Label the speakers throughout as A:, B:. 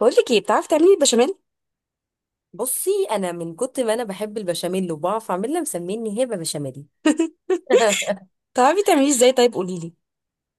A: بقول لك ايه؟ بتعرفي تعملي البشاميل؟
B: بصي انا من كنت ما انا بحب البشاميل وبعرف اعملها مسميني هبه بشاميل.
A: بتعرفي تعمليه ازاي؟ طيب قولي لي.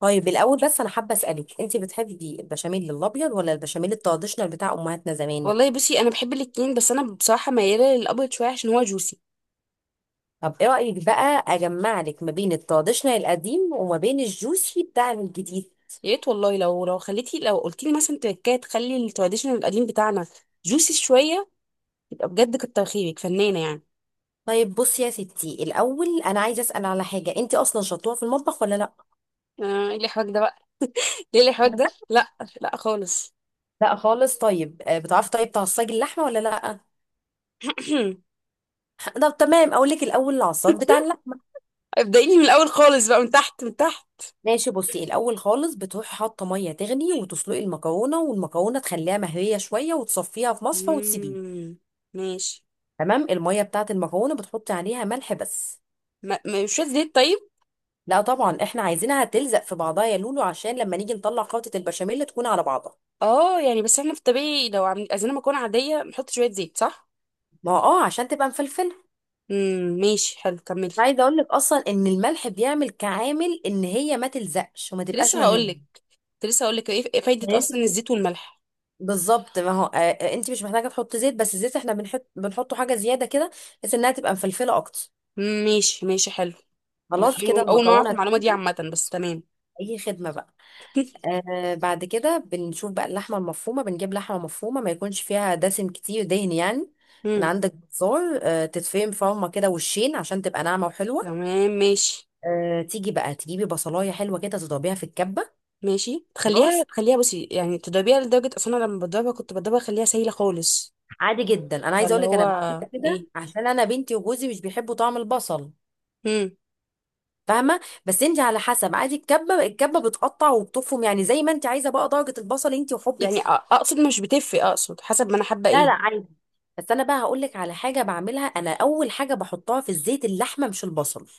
B: طيب الاول بس انا حابه اسالك، انت بتحبي البشاميل الابيض ولا البشاميل التراديشنال بتاع امهاتنا زمان؟
A: والله بصي، انا بحب الاتنين، بس انا بصراحه مياله للابيض شويه عشان هو جوسي.
B: طب ايه رايك بقى اجمع لك ما بين التراديشنال القديم وما بين الجوسي بتاع الجديد؟
A: يا ريت والله، لو خليتي، لو قلتي لي مثلا تركايه تخلي التراديشنال القديم بتاعنا جوسي شويه، يبقى بجد كتر خيرك، فنانه يعني.
B: طيب بصي يا ستي، الاول انا عايزه اسال على حاجه، انت اصلا شطوره في المطبخ ولا لا؟
A: ايه الحواك ده بقى؟ ليه الحوار ده؟ لا، لا خالص.
B: لا خالص. طيب، بتعرفي طيب تعصجي اللحمه ولا لا؟ طب تمام، اقول لك الاول العصاج بتاع اللحمه.
A: ابدأي لي من الاول خالص بقى، من تحت.
B: ماشي، بصي الاول خالص بتروحي حاطه ميه تغلي وتسلقي المكرونه، والمكرونه تخليها مهريه شويه وتصفيها في مصفى وتسيبيه.
A: مم. ماشي.
B: تمام، الميه بتاعه المكرونه بتحطي عليها ملح بس.
A: شويه زيت طيب.
B: لا طبعا، احنا عايزينها تلزق في بعضها يا لولو، عشان لما نيجي نطلع خلطه البشاميل تكون على بعضها.
A: اه يعني بس احنا في الطبيعي لو عايزين مكرونه عاديه بنحط شويه زيت، صح؟
B: ما هو عشان تبقى مفلفله.
A: ماشي حلو، كملي.
B: كنت عايزه اقول لك اصلا ان الملح بيعمل كعامل ان هي ما تلزقش وما
A: كنت
B: تبقاش
A: لسه هقول
B: مهريه.
A: لك، كنت لسه هقول لك ايه
B: يعني
A: فايدة اصلا
B: انت
A: الزيت والملح.
B: بالظبط، ما هو انت مش محتاجه تحطي زيت، بس الزيت احنا بنحطه حاجه زياده كده، بحيث انها تبقى مفلفله اكتر.
A: ماشي، حلو. أنا
B: خلاص كده
A: أول ما اعرف
B: المكرونه.
A: المعلومة دي عامة، بس تمام.
B: اي خدمه بقى. بعد كده بنشوف بقى اللحمه المفرومه، بنجيب لحمه مفرومه ما يكونش فيها دسم كتير، دهن يعني. من
A: امم
B: عندك بزار، تتفرم فرمه كده وشين عشان تبقى ناعمه وحلوه.
A: تمام ماشي.
B: تيجي بقى تجيبي بصلايه حلوه كده تضربيها في الكبه.
A: تخليها
B: خلاص.
A: تخليها بصي، يعني تضربيها لدرجة اصلا أنا لما بضربها كنت بضربها اخليها سايلة خالص.
B: عادي جدا، انا عايزه
A: فاللي
B: اقول لك
A: هو
B: انا بعملها كده
A: ايه.
B: عشان انا بنتي وجوزي مش بيحبوا طعم البصل،
A: امم
B: فاهمه. بس انت على حسب، عادي الكبه بتقطع وبتفرم، يعني زي ما انت عايزه، بقى درجه البصل انت وحبك
A: يعني
B: ليه.
A: اقصد مش بتفرق، اقصد حسب ما انا حابة
B: لا لا،
A: ايه.
B: عادي. بس انا بقى هقول لك على حاجه بعملها، انا اول حاجه بحطها في الزيت اللحمه مش البصل.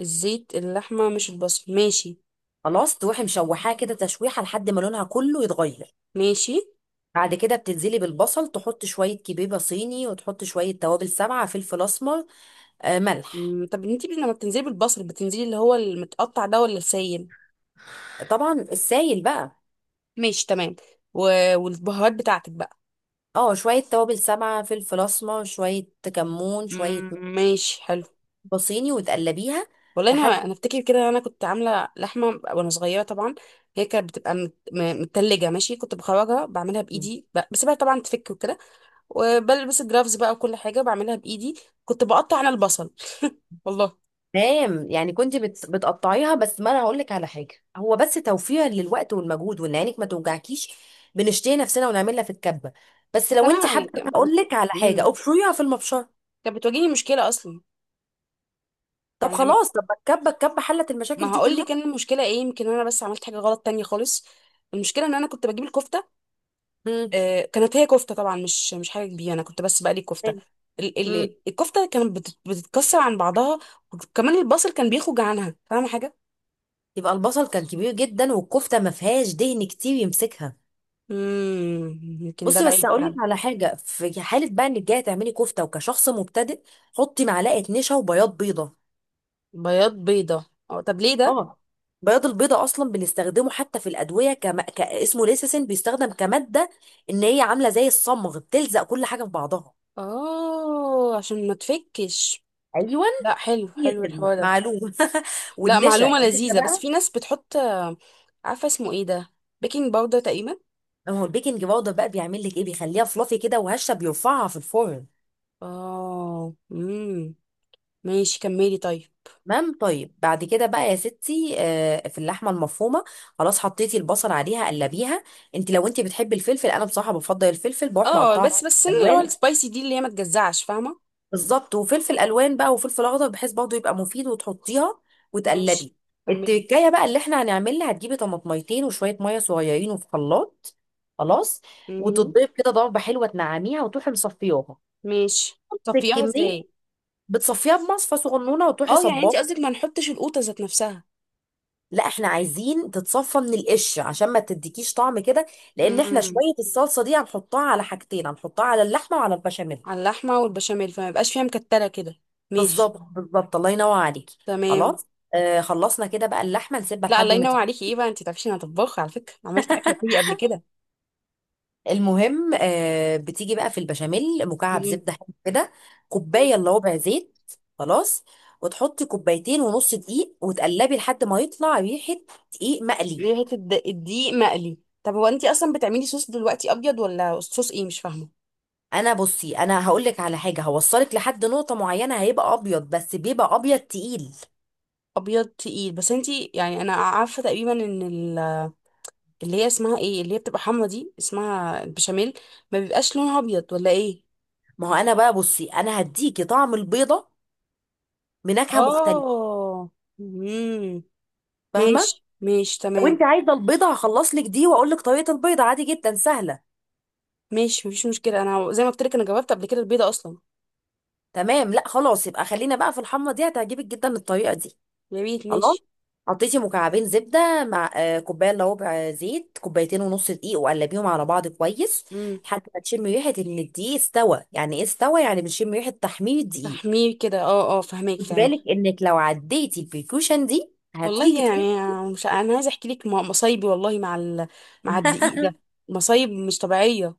A: الزيت اللحمة مش البصل، ماشي.
B: خلاص تروحي مشوحاها كده تشويحه لحد ما لونها كله يتغير.
A: ماشي.
B: بعد كده بتنزلي بالبصل، تحط شويه كبيبه صيني وتحط شويه توابل سبعه فلفل اسمر. آه، ملح.
A: طب انتي لما بتنزلي بالبصل، بتنزلي اللي هو المتقطع ده ولا السايل؟
B: طبعا السايل بقى.
A: ماشي تمام. و... والبهارات بتاعتك بقى؟
B: اه، شويه توابل سبعه فلفل اسمر، شويه كمون، شويه ملح
A: ماشي حلو.
B: صيني وتقلبيها
A: والله انا،
B: لحد.
A: افتكر كده انا كنت عامله لحمه وانا صغيره طبعا. هي كانت بتبقى متلجه، ماشي، كنت بخرجها بعملها بايدي، بسيبها طبعا تفك وكده، وبلبس الجرافز بقى وكل حاجه بعملها بايدي، كنت بقطع انا البصل، والله.
B: تمام، يعني كنت بتقطعيها بس، ما انا هقول لك على حاجه هو بس توفير للوقت والمجهود وان عينك ما توجعكيش. بنشتري نفسنا ونعملها في الكبه. بس
A: بس
B: لو انت
A: انا يعني
B: حابه هقول لك على
A: مم.
B: حاجه، ابشريها في المبشره.
A: كانت بتواجهني مشكله اصلا.
B: طب
A: يعني لما،
B: خلاص. طب ما الكبه حلت
A: ما
B: المشاكل دي
A: هقول لك
B: كلها.
A: ان المشكله ايه. يمكن انا بس عملت حاجه غلط تانية خالص. المشكله ان انا كنت بجيب الكفته.
B: امم،
A: كانت هي كفته طبعا، مش حاجه كبيره، انا كنت بس بقلي الكفته.
B: امم.
A: الكفته كانت بتتكسر عن بعضها، وكمان البصل كان بيخرج عنها. فاهمه حاجه؟
B: يبقى البصل كان كبير جدا والكفته ما فيهاش دهن كتير يمسكها.
A: امم، يمكن ده
B: بصي، بس
A: العيب
B: هقول لك
A: فعلا.
B: على حاجه، في حاله بقى انك جايه تعملي كفته وكشخص مبتدئ حطي معلقه نشا وبياض بيضه.
A: بياض بيضه، اه، طب ليه ده؟
B: اه بياض البيضة اصلا بنستخدمه حتى في الادويه، اسمه ليسيسين، بيستخدم كماده ان هي عامله زي الصمغ بتلزق كل حاجه في بعضها.
A: اه، عشان ما تفكش.
B: ايوه.
A: لا حلو،
B: هي
A: حلو
B: خدمه
A: الحوار ده.
B: معلومه.
A: لا،
B: والنشا،
A: معلومه
B: النشا
A: لذيذه. بس
B: بقى
A: في ناس بتحط عارفه اسمه ايه ده، بيكنج باودر تقريبا.
B: هو البيكنج باودر بقى بيعمل لك ايه، بيخليها فلافي كده وهشه بيرفعها في الفرن.
A: اه، امم، ماشي، كملي طيب.
B: تمام طيب، بعد كده بقى يا ستي في اللحمه المفرومه خلاص، حطيتي البصل عليها قلبيها. انت لو انت بتحبي الفلفل، انا بصراحه بفضل الفلفل بروح
A: اه،
B: مقطعه.
A: بس السنه اللي هو
B: الوان.
A: السبايسي دي، اللي هي ما تجزعش، فاهمه؟
B: بالظبط، وفلفل الوان بقى وفلفل اخضر، بحيث برضه يبقى مفيد، وتحطيها
A: ماشي،
B: وتقلبي.
A: كملي.
B: التكايه بقى اللي احنا هنعملها، هتجيبي طماطميتين وشويه ميه صغيرين، وفي خلاط خلاص
A: مهم.
B: وتضرب كده ضربه حلوه تنعميها وتروحي مصفياها.
A: ماشي. صفيها
B: الكميه
A: ازاي؟
B: بتصفيها بمصفى صغنونه وتروحي
A: اه يعني انت
B: صباه.
A: قصدك ما نحطش القوطه ذات نفسها.
B: لا احنا عايزين تتصفى من القش عشان ما تديكيش طعم كده، لان احنا
A: امم.
B: شويه الصلصه دي هنحطها على حاجتين، هنحطها على اللحمه وعلى البشاميل.
A: على اللحمه والبشاميل، فما يبقاش فيها مكتله كده. ماشي.
B: بالظبط بالظبط، الله ينور عليكي.
A: تمام.
B: خلاص. خلصنا كده بقى، اللحمه نسيبها
A: لا،
B: لحد
A: الله
B: ما
A: ينور
B: تت-
A: عليكي. ايه بقى؟ انت تعرفيش انا طباخه؟ على فكره عملت اكله كوري قبل كده.
B: المهم، بتيجي بقى في البشاميل مكعب
A: امم.
B: زبده حلو كده، كوبايه الا ربع زيت خلاص، وتحطي كوبايتين ونص دقيق وتقلبي لحد ما يطلع ريحه دقيق مقلي.
A: ليه حته الدقيق مقلي؟ طب هو انت اصلا بتعملي صوص دلوقتي ابيض ولا صوص ايه؟ مش فاهمه.
B: بصي انا هقول لك على حاجه، هوصلك لحد نقطه معينه هيبقى ابيض، بس بيبقى ابيض تقيل.
A: ابيض تقيل؟ بس انت، يعني انا عارفه تقريبا ان، اللي هي اسمها ايه، اللي هي بتبقى حمرا دي، اسمها البشاميل، ما بيبقاش لونها ابيض ولا ايه؟
B: ما هو انا بقى، بصي انا هديكي طعم البيضه بنكهه مختلفه،
A: اه. امم. ماشي،
B: فاهمه.
A: ماشي
B: لو
A: تمام.
B: انت عايزه البيضه هخلص لك دي واقول لك طريقه البيضه، عادي جدا سهله.
A: ماشي، مفيش مشكله، انا زي ما قلت لك انا جربت قبل كده البيضه اصلا.
B: تمام. لا خلاص، يبقى خلينا بقى في الحمرا دي، هتعجبك جدا الطريقه دي.
A: يا ريت،
B: خلاص.
A: ماشي.
B: حطيتي مكعبين زبده مع كوبايه الا ربع زيت، كوبايتين ونص دقيق وقلبيهم على بعض كويس،
A: امم.
B: لحد ما تشمي ريحه ان الدقيق استوى، يعني ايه استوى؟ يعني بنشم ريحه تحمير الدقيق.
A: فهميه كده، اه اه، فهماك
B: خدي
A: فهماك.
B: بالك انك لو عديتي البريكوشن دي هتيجي
A: والله
B: تحسي-
A: يعني، مش انا عايزه احكي لك مصايبي، والله، مع مع الدقيق ده. مصايب مش طبيعيه.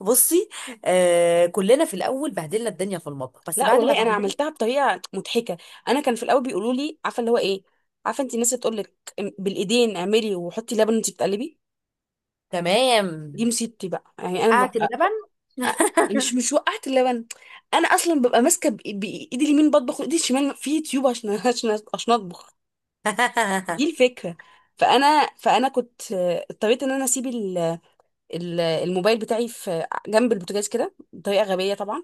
B: بصي كلنا في الاول بهدلنا الدنيا في المطبخ، بس
A: لا
B: بعد ما
A: والله انا
B: اتعلمنا.
A: عملتها بطريقه مضحكه. انا كان في الاول بيقولوا لي، عارفه اللي هو ايه، عارفه انت الناس اللي تقول لك بالايدين اعملي وحطي لبن وانت بتقلبي.
B: تمام،
A: دي مصيبتي بقى، يعني انا
B: قعة
A: ببقى،
B: اللبن.
A: مش وقعت اللبن، انا اصلا ببقى ماسكه بايدي اليمين بطبخ وايدي الشمال في يوتيوب عشان عشان اطبخ. دي الفكره. فانا كنت اضطريت ان انا اسيب الموبايل بتاعي في جنب البوتاجاز كده بطريقه غبيه طبعا،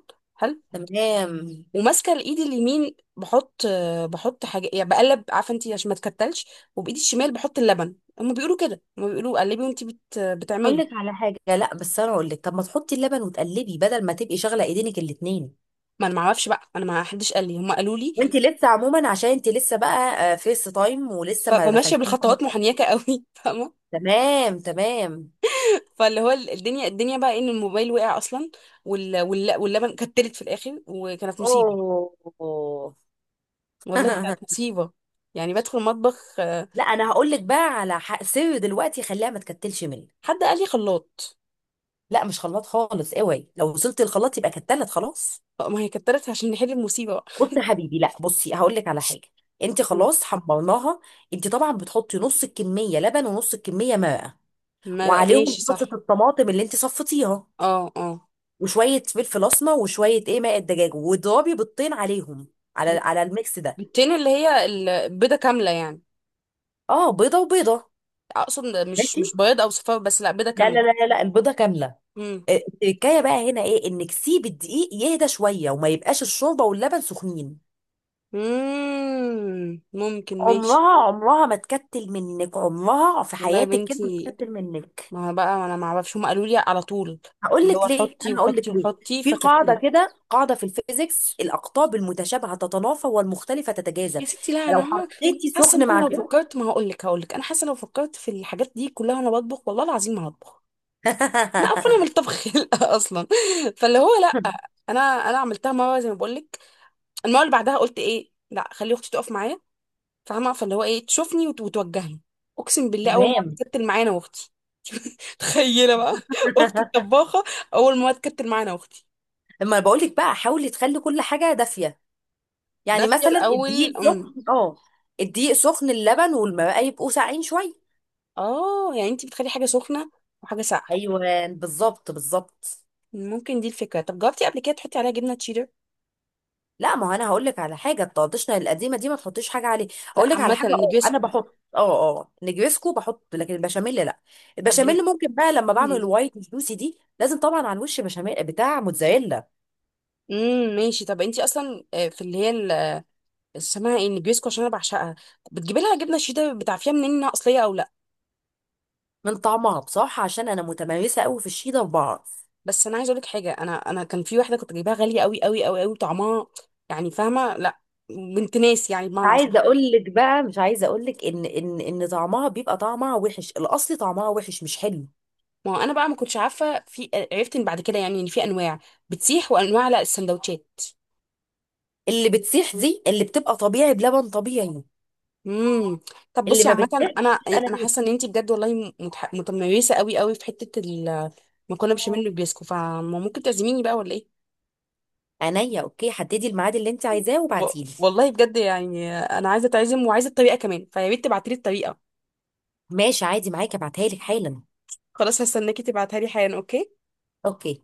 B: تمام.
A: وماسكه الايد اليمين بحط، بحط حاجه يعني، بقلب، عارفه انت، عشان ما تكتلش، وبايدي الشمال بحط اللبن. هم بيقولوا كده، هم بيقولوا قلبي وانت
B: اقول
A: بتعملي.
B: لك على حاجه، لا بس انا اقول لك طب ما تحطي اللبن وتقلبي بدل ما تبقي شغله ايدينك الاتنين.
A: ما انا ما اعرفش بقى، انا ما حدش قال لي، هم قالوا لي
B: وانت لسه عموما، عشان انت لسه بقى فيس تايم ولسه ما
A: فماشيه
B: دخلتيش.
A: بالخطوات محنيكه قوي فاهمه.
B: تمام، تمام.
A: فاللي هو الدنيا بقى إيه، ان الموبايل وقع اصلا، واللبن كتلت في الاخر، وكانت مصيبه،
B: اوه.
A: والله كانت مصيبه. يعني بدخل المطبخ،
B: لا انا هقول لك بقى على حق، سر دلوقتي خليها ما تكتلش منك.
A: حد قال لي خلاط،
B: لا مش خلاط خالص، اوعي لو وصلت الخلاط يبقى كتلت خلاص.
A: ما هي كترت عشان نحل المصيبه بقى.
B: بص يا حبيبي، لا بصي هقول لك على حاجه، انت
A: م.
B: خلاص حمرناها. انت طبعا بتحطي نص الكميه لبن ونص الكميه ماء،
A: ما
B: وعليهم
A: ماشي
B: صلصه
A: صح.
B: الطماطم اللي انت صفتيها،
A: اه اه.
B: وشويه فلفل اسمر وشويه ايه ماء الدجاج، واضربي بيضتين عليهم، على الميكس ده.
A: بيضتين اللي هي، البيضة كاملة يعني؟
B: اه، بيضه وبيضه.
A: اقصد
B: ماشي.
A: مش بياض او صفار بس، لا بيضة
B: لا
A: كاملة.
B: لا لا لا لا، البيضه كامله.
A: امم.
B: اه، التركايه بقى هنا ايه انك سيبي الدقيق يهدى شويه وما يبقاش الشوربه واللبن سخنين.
A: ممكن، ماشي.
B: عمرها عمرها ما تكتل منك، عمرها في
A: والله يا
B: حياتك كده ما
A: بنتي،
B: تكتل منك.
A: ما هو بقى ما انا ما اعرفش، هم قالوا لي على طول
B: هقول
A: اللي
B: لك
A: هو
B: ليه،
A: حطي
B: انا هقول
A: وحطي
B: لك ليه.
A: وحطي،
B: في قاعده،
A: فكتلت.
B: كده قاعده في الفيزيكس، الاقطاب المتشابهه تتنافى والمختلفه
A: يا
B: تتجاذب.
A: ستي لا،
B: فلو
A: انا ما-
B: حطيتي
A: حاسه ان
B: سخن
A: انا
B: مع
A: لو
B: سخن.
A: فكرت، ما هقول لك، هقول لك انا حاسه لو فكرت في الحاجات دي كلها وانا بطبخ، والله العظيم ما هطبخ. انا قرفانه من الطبخ خلقة اصلا. فاللي هو لا، انا عملتها مره زي ما بقول لك، المره اللي بعدها قلت ايه، لا خلي اختي تقف معايا، فاهمه، فاللي هو ايه تشوفني وتوجهني. اقسم بالله اول مره
B: تمام
A: اتكتل معايا انا واختي، تخيله بقى اختي الطباخه، اول مره اتكتل معايا انا واختي.
B: اما بقول لك بقى، حاولي تخلي كل حاجه دافيه. يعني
A: دافيه
B: مثلا
A: الاول.
B: الدقيق
A: أم.
B: سخن، اه. الدقيق سخن، اللبن والماء يبقوا ساقعين شويه.
A: اه يعني انت بتخلي حاجه سخنه وحاجه ساقعه.
B: ايوه، بالظبط بالظبط.
A: ممكن دي الفكره. طب جربتي قبل كده تحطي عليها جبنه تشيدر؟
B: لا ما هو انا هقول لك على حاجه، الطادشنا القديمه دي ما تحطيش حاجه عليه.
A: لا
B: اقول لك على
A: عامه
B: حاجه، انا
A: النجريسكو.
B: بحط، نجرسكو بحط، لكن البشاميل لا.
A: طب.
B: البشاميل ممكن بقى لما بعمل
A: امم.
B: الوايت جوسي دي، لازم طبعا على الوش بشاميل بتاع موتزاريلا.
A: أمم، ماشي. طب انت اصلا، في اللي هي اسمها ايه النجريسكو، عشان انا بعشقها، بتجيبي لها جبنه شيدر، بتعرفيها منين انها اصليه او لا؟
B: من طعمها بصراحه، عشان انا متمرسه قوي في الشيدر بعرف.
A: بس انا عايزه اقول لك حاجه، انا كان في واحده كنت جايباها غاليه قوي قوي طعمها، يعني فاهمه، لا، بنت ناس يعني
B: مش
A: بمعنى
B: عايزه
A: اصح.
B: اقول لك بقى، مش عايزه اقول لك ان طعمها بيبقى طعمها وحش، الاصلي طعمها وحش مش حلو.
A: ما هو انا بقى ما كنتش عارفه، في عرفت ان بعد كده يعني ان في انواع بتسيح وانواع لا، السندوتشات.
B: اللي بتسيح دي اللي بتبقى طبيعي بلبن طبيعي.
A: امم. طب
B: اللي
A: بصي
B: ما
A: عامه، انا
B: بتسيحش انا
A: انا
B: ليه.
A: حاسه ان انت بجد والله متميزه قوي قوي في حته المكرونه بشاميل والبيسكو، فممكن تعزميني بقى ولا ايه؟
B: عينيا. اوكي حددي الميعاد اللي انت عايزاه
A: و-
B: وبعتيلي.
A: والله بجد يعني انا عايزه اتعزم، وعايزه الطريقه كمان، فيا ريت تبعتي لي الطريقه.
B: ماشي عادي معاكي، ابعتها لك حالا.
A: خلاص، هستناكي تبعتها لي حالا، اوكي.
B: اوكي.